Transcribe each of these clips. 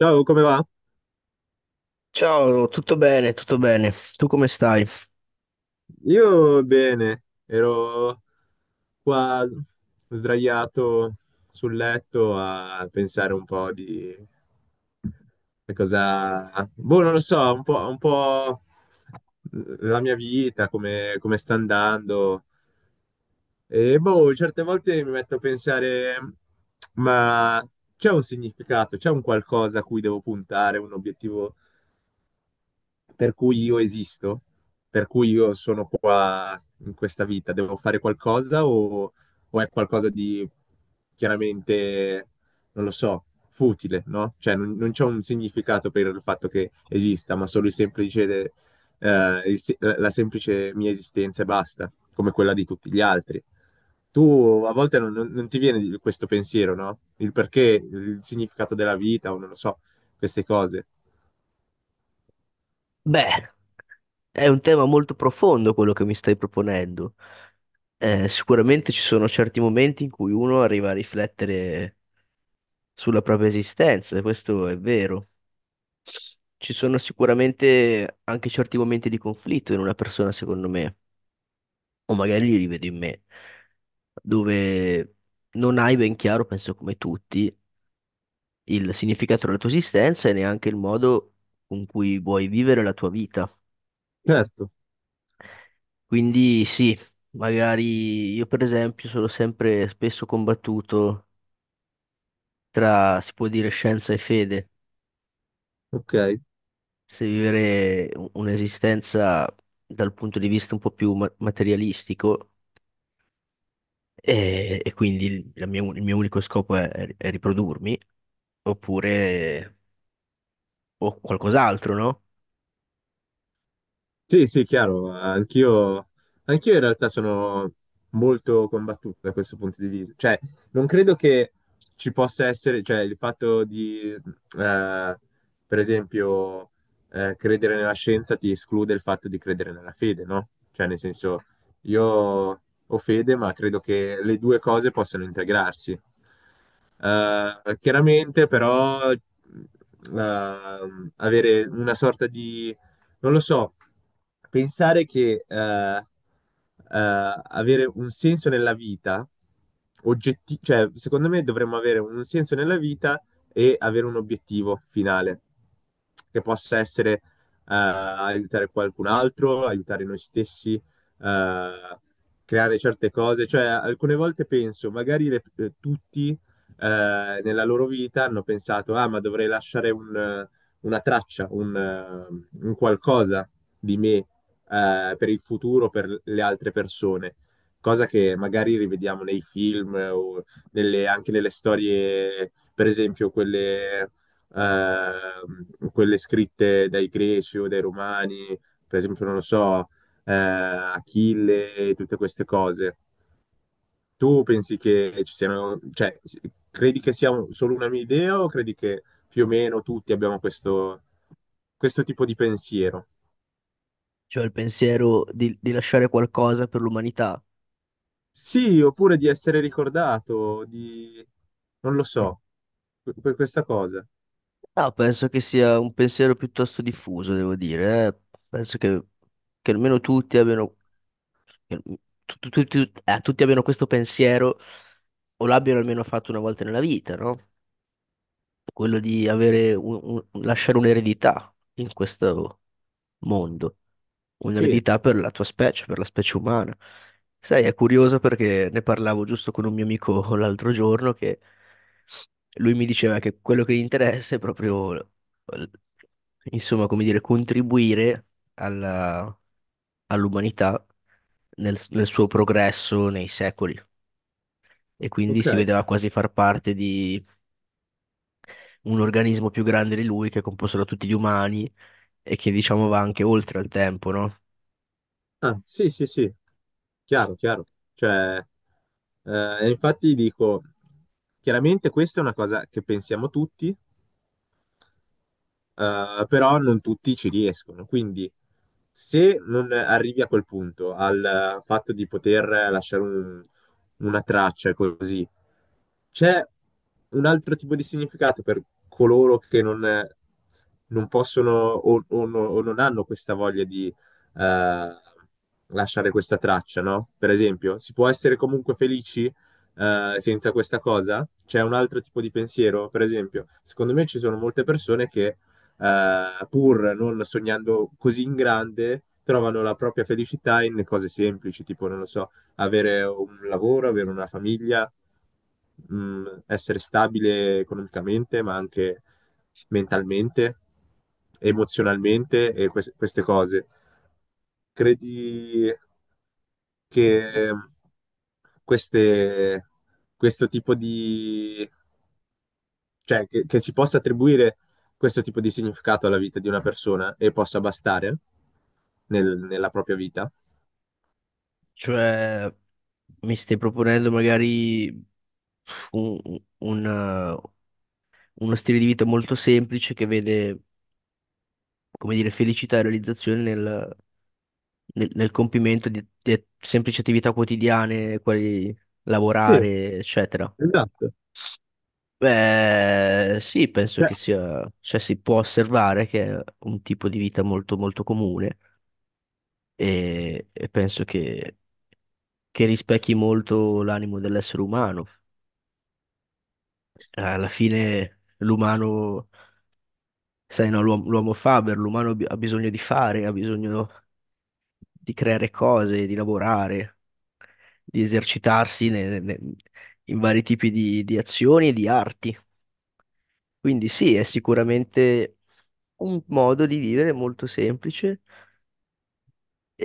Ciao, come va? Ciao, tutto bene, tutto bene. Tu come stai? Io bene, ero qua sdraiato sul letto a pensare un po' di cosa... Boh, non lo so, un po' la mia vita, come, come sta andando. E boh, certe volte mi metto a pensare, ma c'è un significato, c'è un qualcosa a cui devo puntare, un obiettivo per cui io esisto, per cui io sono qua in questa vita, devo fare qualcosa o è qualcosa di chiaramente, non lo so, futile, no? Cioè non c'è un significato per il fatto che esista, ma solo il semplice, il se- la semplice mia esistenza e basta, come quella di tutti gli altri. Tu a volte non ti viene questo pensiero, no? Il perché, il significato della vita o non lo so, queste cose. Beh, è un tema molto profondo quello che mi stai proponendo. Sicuramente ci sono certi momenti in cui uno arriva a riflettere sulla propria esistenza, e questo è vero. Ci sono sicuramente anche certi momenti di conflitto in una persona, secondo me, o magari li rivedo in me, dove non hai ben chiaro, penso come tutti, il significato della tua esistenza e neanche il modo con cui vuoi vivere la tua vita. Certo, Quindi sì, magari io per esempio sono sempre spesso combattuto tra, si può dire, scienza e fede, ok. se vivere un'esistenza dal punto di vista un po' più materialistico e quindi la mia il mio unico scopo è riprodurmi, oppure o qualcos'altro, no? Sì, sì, chiaro, anch'io in realtà sono molto combattuto da questo punto di vista. Cioè, non credo che ci possa essere, cioè, il fatto di, per esempio, credere nella scienza ti esclude il fatto di credere nella fede, no? Cioè, nel senso, io ho fede, ma credo che le due cose possano integrarsi. Chiaramente, però, avere una sorta di non lo so, pensare che avere un senso nella vita, cioè, secondo me dovremmo avere un senso nella vita e avere un obiettivo finale, che possa essere aiutare qualcun altro, aiutare noi stessi, creare certe cose. Cioè, alcune volte penso, magari tutti nella loro vita hanno pensato, ah, ma dovrei lasciare un una traccia, un qualcosa di me per il futuro, per le altre persone, cosa che magari rivediamo nei film o nelle, anche nelle storie, per esempio quelle, quelle scritte dai greci o dai romani, per esempio, non lo so, Achille e tutte queste cose. Tu pensi che ci siano, cioè, credi che sia solo una mia idea o credi che più o meno tutti abbiamo questo, questo tipo di pensiero? Cioè il pensiero di lasciare qualcosa per l'umanità. Sì, oppure di essere ricordato, di... non lo so, per questa cosa. No, penso che sia un pensiero piuttosto diffuso, devo dire, eh. Penso che almeno tutti abbiano che tutti abbiano questo pensiero o l'abbiano almeno fatto una volta nella vita, no? Quello di avere lasciare un'eredità in questo mondo, Sì, un'eredità per la tua specie, per la specie umana. Sai, è curioso perché ne parlavo giusto con un mio amico l'altro giorno che lui mi diceva che quello che gli interessa è proprio, insomma, come dire, contribuire alla- all'umanità nel suo progresso nei secoli. E quindi si ok. vedeva quasi far parte di un organismo più grande di lui che è composto da tutti gli umani e che diciamo va anche oltre al tempo, no? Ah, sì, sì, sì, chiaro, chiaro. Cioè, infatti dico, chiaramente questa è una cosa che pensiamo tutti, però non tutti ci riescono. Quindi se non arrivi a quel punto, al fatto di poter lasciare una traccia e così, c'è un altro tipo di significato per coloro che non, non possono o, o non hanno questa voglia di eh, lasciare questa traccia, no? Per esempio, si può essere comunque felici senza questa cosa? C'è un altro tipo di pensiero? Per esempio, secondo me ci sono molte persone che pur non sognando così in grande, trovano la propria felicità in cose semplici, tipo, non lo so, avere un lavoro, avere una famiglia, essere stabile economicamente, ma anche mentalmente, emozionalmente e queste cose. Credi che queste- questo tipo di cioè, che si possa attribuire questo tipo di significato alla vita di una persona e possa bastare nella propria vita? Cioè, mi stai proponendo magari un- un, eh, uno stile di vita molto semplice che vede, come dire, felicità e realizzazione nel compimento di semplici attività quotidiane, quali Sì, lavorare, eccetera. esatto. Beh, sì, penso Cioè, che sia, cioè si può osservare che è un tipo di vita molto molto comune e penso che rispecchi molto l'animo dell'essere umano. Alla fine l'umano, sai, no, l'uomo faber, l'umano ha bisogno di fare, ha bisogno di creare cose, di lavorare, di esercitarsi in vari tipi di azioni e di arti. Quindi sì, è sicuramente un modo di vivere molto semplice,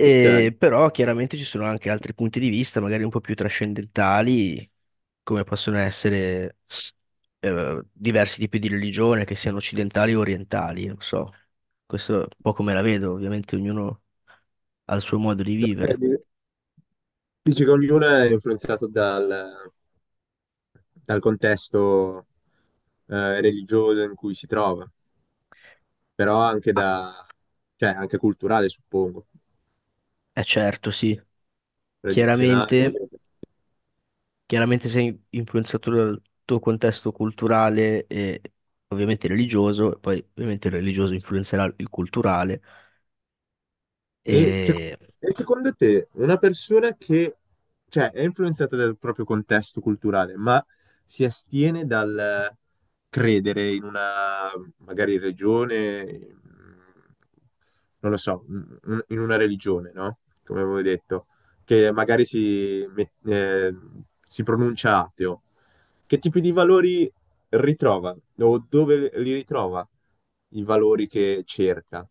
ok. però chiaramente ci sono anche altri punti di vista, magari un po' più trascendentali, come possono essere diversi tipi di religione, che siano occidentali o orientali, non so. Questo è un po' come la vedo, ovviamente ognuno ha il suo modo di Ok, vivere. Dici che ognuno è influenzato dal, dal contesto religioso in cui si trova, però anche Ah, da, cioè, anche culturale, suppongo, eh certo, sì. tradizionale. Chiaramente Chiaramente sei influenzato dal tuo contesto culturale e ovviamente religioso, e poi ovviamente il religioso influenzerà il culturale. E, sec- E e secondo te, una persona che, cioè, è influenzata dal proprio contesto culturale, ma si astiene dal credere in una, magari, religione, mh, non lo so, in una religione, no? Come avevo detto, che magari si, si pronuncia ateo, che tipi di valori ritrova o dove li ritrova i valori che cerca?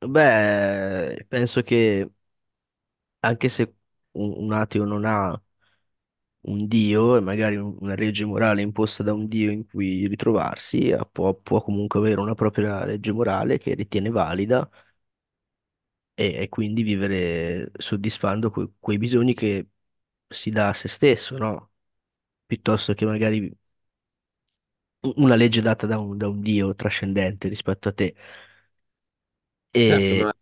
beh, penso che anche se un ateo non ha un dio e magari una legge morale imposta da un dio in cui ritrovarsi, può, può comunque avere una propria legge morale che ritiene valida e quindi vivere soddisfando quei bisogni che si dà a se stesso, no? Piuttosto che magari una legge data da da un Dio trascendente rispetto a te. Certo, E ma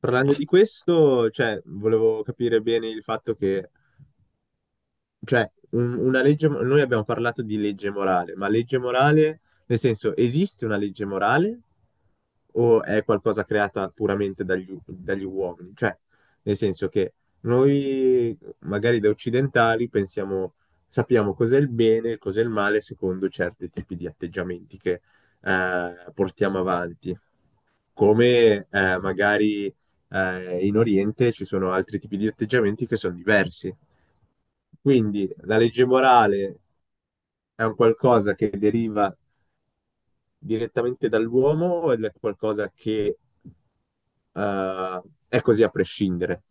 parlando di questo, cioè, volevo capire bene il fatto che, cioè, una legge, noi abbiamo parlato di legge morale, ma legge morale, nel senso, esiste una legge morale o è qualcosa creata puramente dagli, dagli uomini? Cioè, nel senso che noi, magari da occidentali, pensiamo, sappiamo cos'è il bene e cos'è il male secondo certi tipi di atteggiamenti che portiamo avanti come magari in Oriente ci sono altri tipi di atteggiamenti che sono diversi. Quindi la legge morale è un qualcosa che deriva direttamente dall'uomo o è qualcosa che eh, è così a prescindere?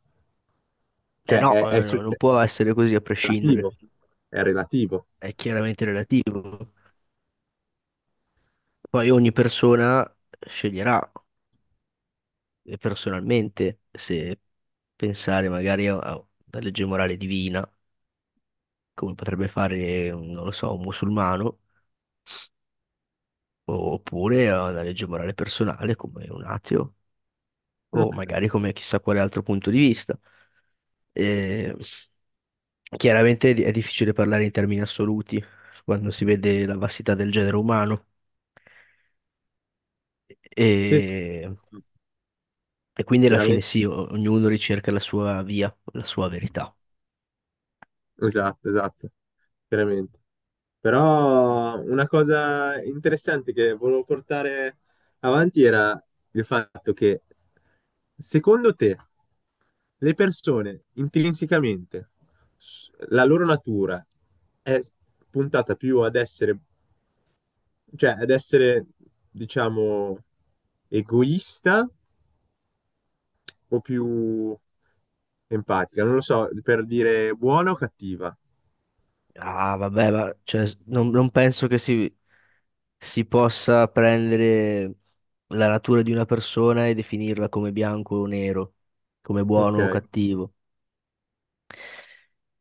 Cioè no, non è può essere così a prescindere, relativo, è relativo. è chiaramente relativo. Poi ogni persona sceglierà personalmente se pensare magari a una legge morale divina, come potrebbe fare, non lo so, un musulmano, oppure a una legge morale personale come un ateo, o Ok. magari come chissà quale altro punto di vista. E chiaramente è difficile parlare in termini assoluti quando si vede la vastità del genere umano. Sì, sì. E, e quindi alla fine Chiaramente. sì, ognuno ricerca la sua via, la sua verità. Esatto, esatto, veramente. Però una cosa interessante che volevo portare avanti era il fatto che secondo te le persone intrinsecamente, la loro natura è puntata più ad essere, cioè ad essere, diciamo, egoista o più empatica? Non lo so, per dire buona o cattiva. Ah, vabbè, ma cioè, non penso che si possa prendere la natura di una persona e definirla come bianco o nero, come Ok, buono o cattivo.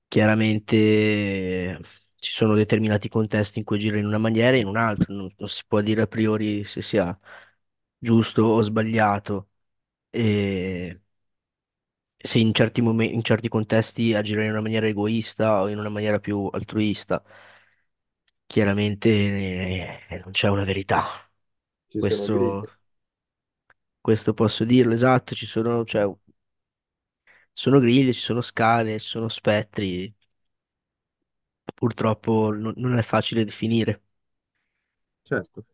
Chiaramente ci sono determinati contesti in cui agire in una maniera e in un'altra, non, non si può dire a priori se sia giusto o sbagliato. E se in certi momenti, in certi contesti agire in una maniera egoista o in una maniera più altruista, chiaramente non c'è una verità. ci sono Questo, griglie. questo posso dirlo, esatto, ci sono, cioè, sono griglie, ci sono scale, ci sono spettri, purtroppo non è facile definire. Certo.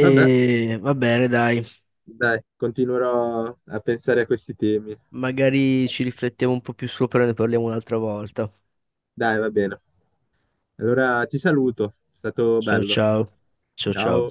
Vabbè, va bene, dai, dai, continuerò a pensare a questi temi. magari ci riflettiamo un po' più sopra e ne parliamo un'altra volta. Dai, va bene. Allora ti saluto, è stato Ciao bello. ciao. Ciao ciao. Ciao.